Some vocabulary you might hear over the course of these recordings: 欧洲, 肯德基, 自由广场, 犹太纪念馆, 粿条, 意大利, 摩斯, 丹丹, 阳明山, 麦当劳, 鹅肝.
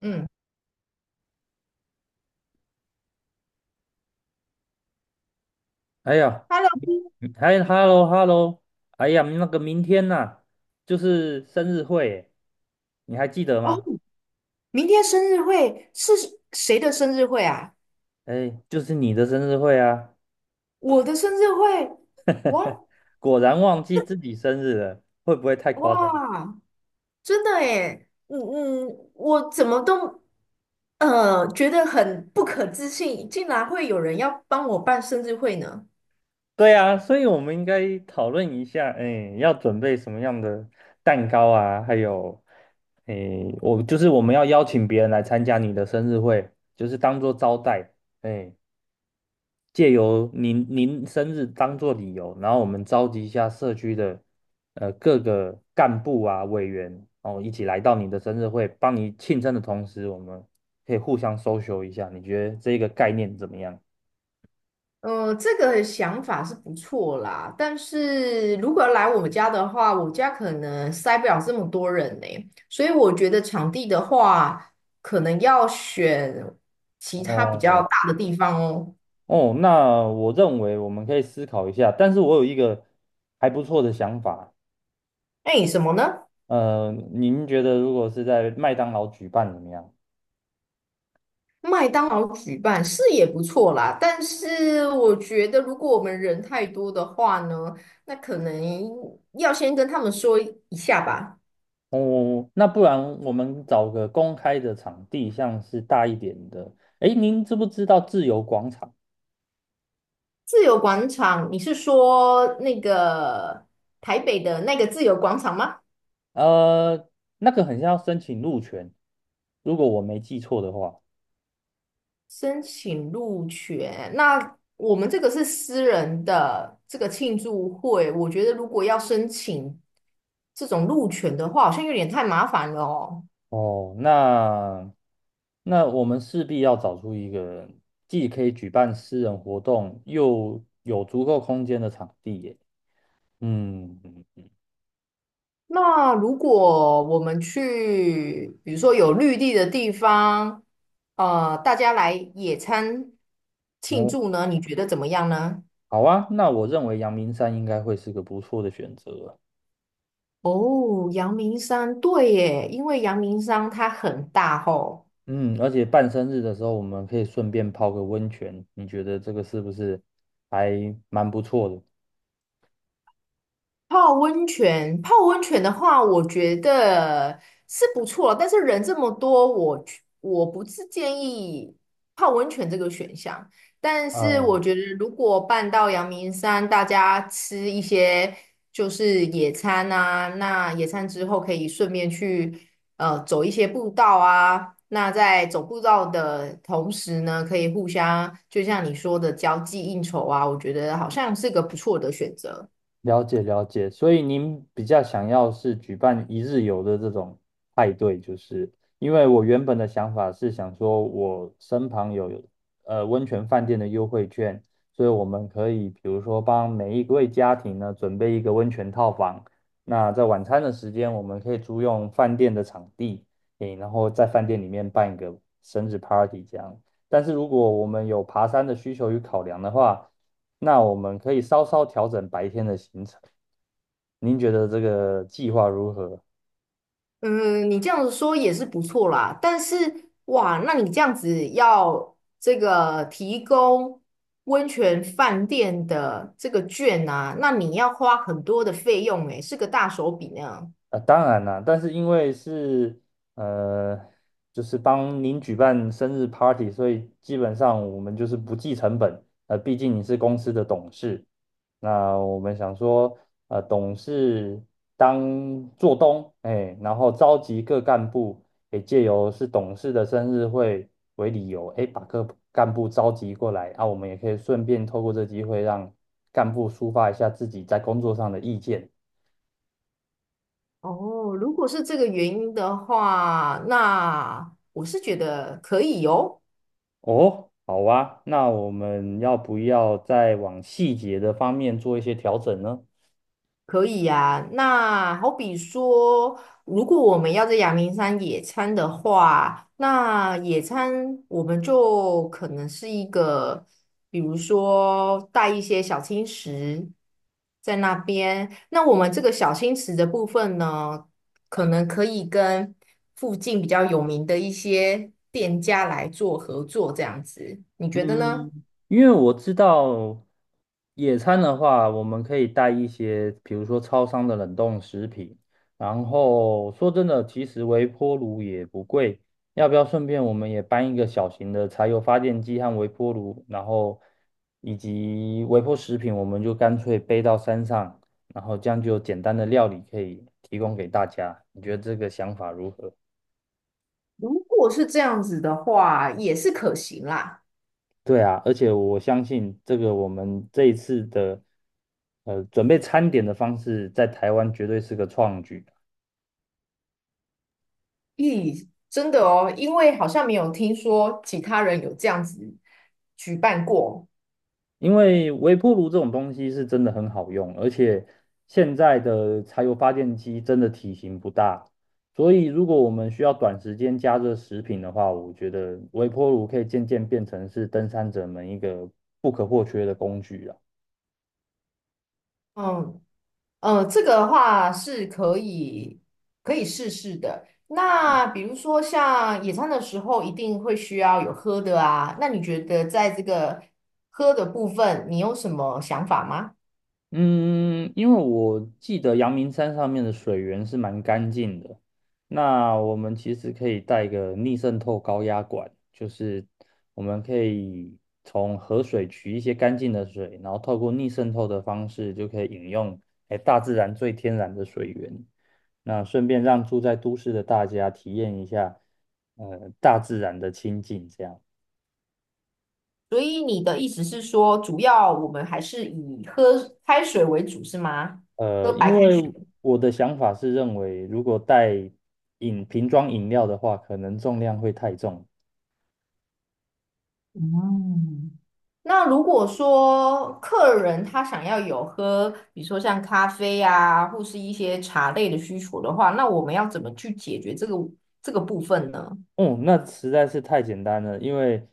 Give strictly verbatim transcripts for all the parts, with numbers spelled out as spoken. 嗯哎呀，，Hello，还哎，hello hello，哎呀，那个明天呐、就是生日会耶，你还记得哦，吗？明天生日会是谁的生日会啊？哎，就是你的生日会啊，我的生日会，哇果然忘记自己生日了，会不会太夸张？哇，真的诶，嗯嗯，我怎么都呃觉得很不可置信，竟然会有人要帮我办生日会呢？对啊，所以我们应该讨论一下，哎，要准备什么样的蛋糕啊？还有，哎，我就是我们要邀请别人来参加你的生日会，就是当做招待，哎。借由您您生日当做理由，然后我们召集一下社区的呃各个干部啊委员哦，一起来到你的生日会，帮你庆生的同时，我们可以互相 social 一下。你觉得这个概念怎么样？呃，这个想法是不错啦，但是如果要来我们家的话，我家可能塞不了这么多人呢、所以我觉得场地的话，可能要选其他比较哦大的地方哦。哦，那我认为我们可以思考一下，但是我有一个还不错的想法。哎，什么呢？呃，您觉得如果是在麦当劳举办怎么样？麦当劳举办是也不错啦，但是我觉得如果我们人太多的话呢，那可能要先跟他们说一下吧。哦，那不然我们找个公开的场地，像是大一点的。诶，您知不知道自由广场？自由广场，你是说那个台北的那个自由广场吗？呃，那个很像要申请入权，如果我没记错的话。申请入学，那我们这个是私人的这个庆祝会，我觉得如果要申请这种入权的话，好像有点太麻烦了哦。哦，那那我们势必要找出一个既可以举办私人活动，又有足够空间的场地耶。嗯，那如果我们去，比如说有绿地的地方，呃，大家来野餐庆哦，祝呢，你觉得怎么样呢？好啊，那我认为阳明山应该会是个不错的选择啊。哦，阳明山，对耶，因为阳明山它很大吼。嗯，而且办生日的时候，我们可以顺便泡个温泉，你觉得这个是不是还蛮不错的？泡温泉，泡温泉的话，我觉得是不错，但是人这么多，我去我不是建议泡温泉这个选项。但是我嗯。觉得，如果办到阳明山，大家吃一些就是野餐啊，那野餐之后可以顺便去呃走一些步道啊。那在走步道的同时呢，可以互相就像你说的交际应酬啊，我觉得好像是个不错的选择。了解了解，所以您比较想要是举办一日游的这种派对，就是因为我原本的想法是想说，我身旁有呃温泉饭店的优惠券，所以我们可以比如说帮每一位家庭呢准备一个温泉套房，那在晚餐的时间我们可以租用饭店的场地，诶，然后在饭店里面办一个生日 party 这样。但是如果我们有爬山的需求与考量的话，那我们可以稍稍调整白天的行程。您觉得这个计划如何？嗯，你这样子说也是不错啦，但是哇，那你这样子要这个提供温泉饭店的这个券啊，那你要花很多的费用诶，是个大手笔呢。啊，当然啦，但是因为是呃，就是帮您举办生日 party，所以基本上我们就是不计成本。呃，毕竟你是公司的董事，那我们想说，呃，董事当做东，哎，然后召集各干部，也借由是董事的生日会为理由，哎，把各干部召集过来，啊，我们也可以顺便透过这机会让干部抒发一下自己在工作上的意见。哦，如果是这个原因的话，那我是觉得可以哦。哦，好啊，那我们要不要再往细节的方面做一些调整呢？可以呀、那好比说，如果我们要在阳明山野餐的话，那野餐我们就可能是一个，比如说带一些小青石在那边。那我们这个小青石的部分呢，可能可以跟附近比较有名的一些店家来做合作，这样子，你觉得呢？嗯，因为我知道野餐的话，我们可以带一些，比如说超商的冷冻食品。然后说真的，其实微波炉也不贵。要不要顺便我们也搬一个小型的柴油发电机和微波炉，然后以及微波食品，我们就干脆背到山上，然后这样就有简单的料理可以提供给大家。你觉得这个想法如何？如果是这样子的话，也是可行啦。对啊，而且我相信这个我们这一次的呃准备餐点的方式，在台湾绝对是个创举，咦，真的哦，因为好像没有听说其他人有这样子举办过。因为微波炉这种东西是真的很好用，而且现在的柴油发电机真的体型不大，所以如果我们需要短时间加热食品的话，我觉得微波炉可以渐渐变成是登山者们一个不可或缺的工具啊。嗯呃，这个的话是可以可以试试的。那比如说像野餐的时候，一定会需要有喝的啊。那你觉得在这个喝的部分，你有什么想法吗？嗯，因为我记得阳明山上面的水源是蛮干净的，那我们其实可以带个逆渗透高压管，就是我们可以从河水取一些干净的水，然后透过逆渗透的方式就可以饮用，哎，大自然最天然的水源。那顺便让住在都市的大家体验一下，呃，大自然的亲近，这样。所以你的意思是说，主要我们还是以喝开水为主，是吗？呃，喝白因开为水。我的想法是认为，如果带饮瓶装饮料的话，可能重量会太重，嗯。那如果说客人他想要有喝，比如说像咖啡啊，或是一些茶类的需求的话，那我们要怎么去解决这个这个部分呢？嗯，那实在是太简单了，因为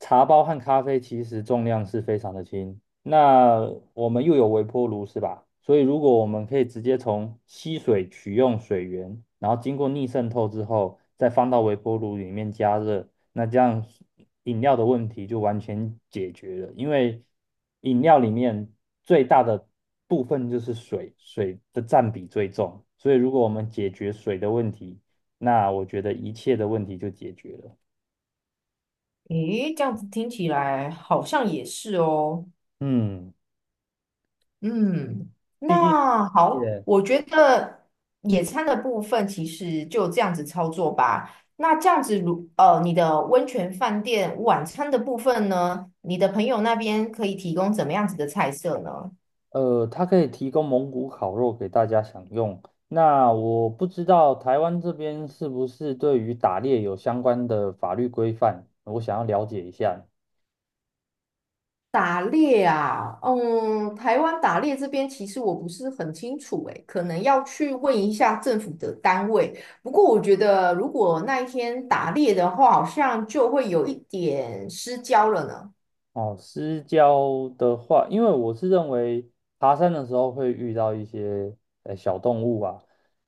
茶包和咖啡其实重量是非常的轻。那我们又有微波炉是吧？所以如果我们可以直接从吸水取用水源，然后经过逆渗透之后，再放到微波炉里面加热，那这样饮料的问题就完全解决了。因为饮料里面最大的部分就是水，水的占比最重。所以如果我们解决水的问题，那我觉得一切的问题就解决了。诶，这样子听起来好像也是哦。嗯，嗯，毕竟那好，也我觉得野餐的部分其实就这样子操作吧。那这样子如，呃，你的温泉饭店晚餐的部分呢，你的朋友那边可以提供怎么样子的菜色呢？呃，它可以提供蒙古烤肉给大家享用。那我不知道台湾这边是不是对于打猎有相关的法律规范，我想要了解一下。打猎啊，嗯，台湾打猎这边其实我不是很清楚，诶，可能要去问一下政府的单位。不过我觉得，如果那一天打猎的话，好像就会有一点失焦了呢。哦，私交的话，因为我是认为爬山的时候会遇到一些呃小动物啊。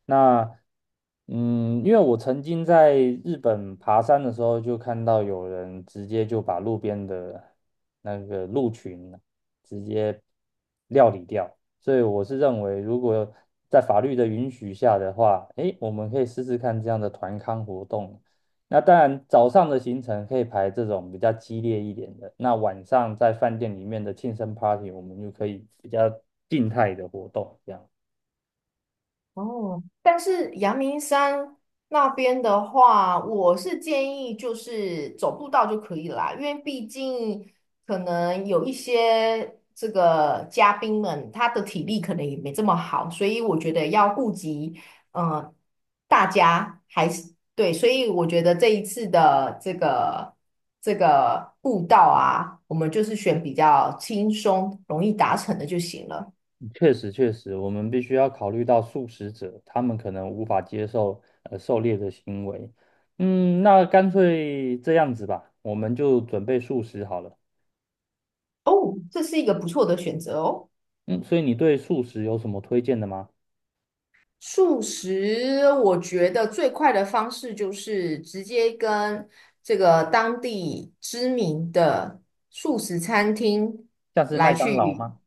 那嗯，因为我曾经在日本爬山的时候，就看到有人直接就把路边的那个鹿群直接料理掉，所以我是认为，如果在法律的允许下的话，诶，我们可以试试看这样的团康活动。那当然，早上的行程可以排这种比较激烈一点的，那晚上在饭店里面的庆生 party，我们就可以比较静态的活动。这样，哦，但是阳明山那边的话，我是建议就是走步道就可以啦，因为毕竟可能有一些这个嘉宾们，他的体力可能也没这么好，所以我觉得要顾及嗯大家还是对，所以我觉得这一次的这个这个步道啊，我们就是选比较轻松、容易达成的就行了。确实确实，我们必须要考虑到素食者，他们可能无法接受呃狩猎的行为。嗯，那干脆这样子吧，我们就准备素食好了。哦，这是一个不错的选择哦。嗯，所以你对素食有什么推荐的吗？素食，我觉得最快的方式就是直接跟这个当地知名的素食餐厅像是麦来当劳去吗？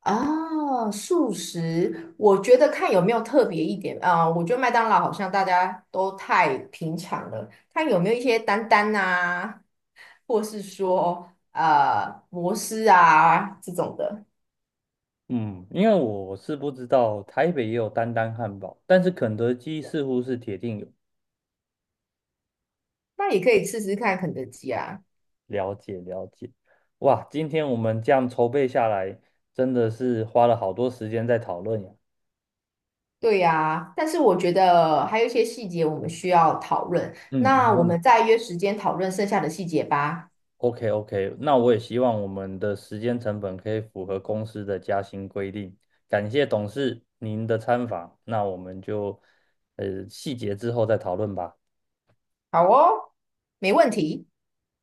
啊，素食，我觉得看有没有特别一点啊，我觉得麦当劳好像大家都太平常了，看有没有一些丹丹啊，或是说呃摩斯啊这种的，嗯，因为我是不知道台北也有丹丹汉堡，但是肯德基似乎是铁定有。那也可以试试看肯德基啊。了解了解，哇，今天我们这样筹备下来，真的是花了好多时间在讨论呀。对呀，但是我觉得还有一些细节我们需要讨论，嗯，没那我问题。们再约时间讨论剩下的细节吧。OK OK，那我也希望我们的时间成本可以符合公司的加薪规定。感谢董事您的参访，那我们就呃细节之后再讨论吧。好哦，没问题。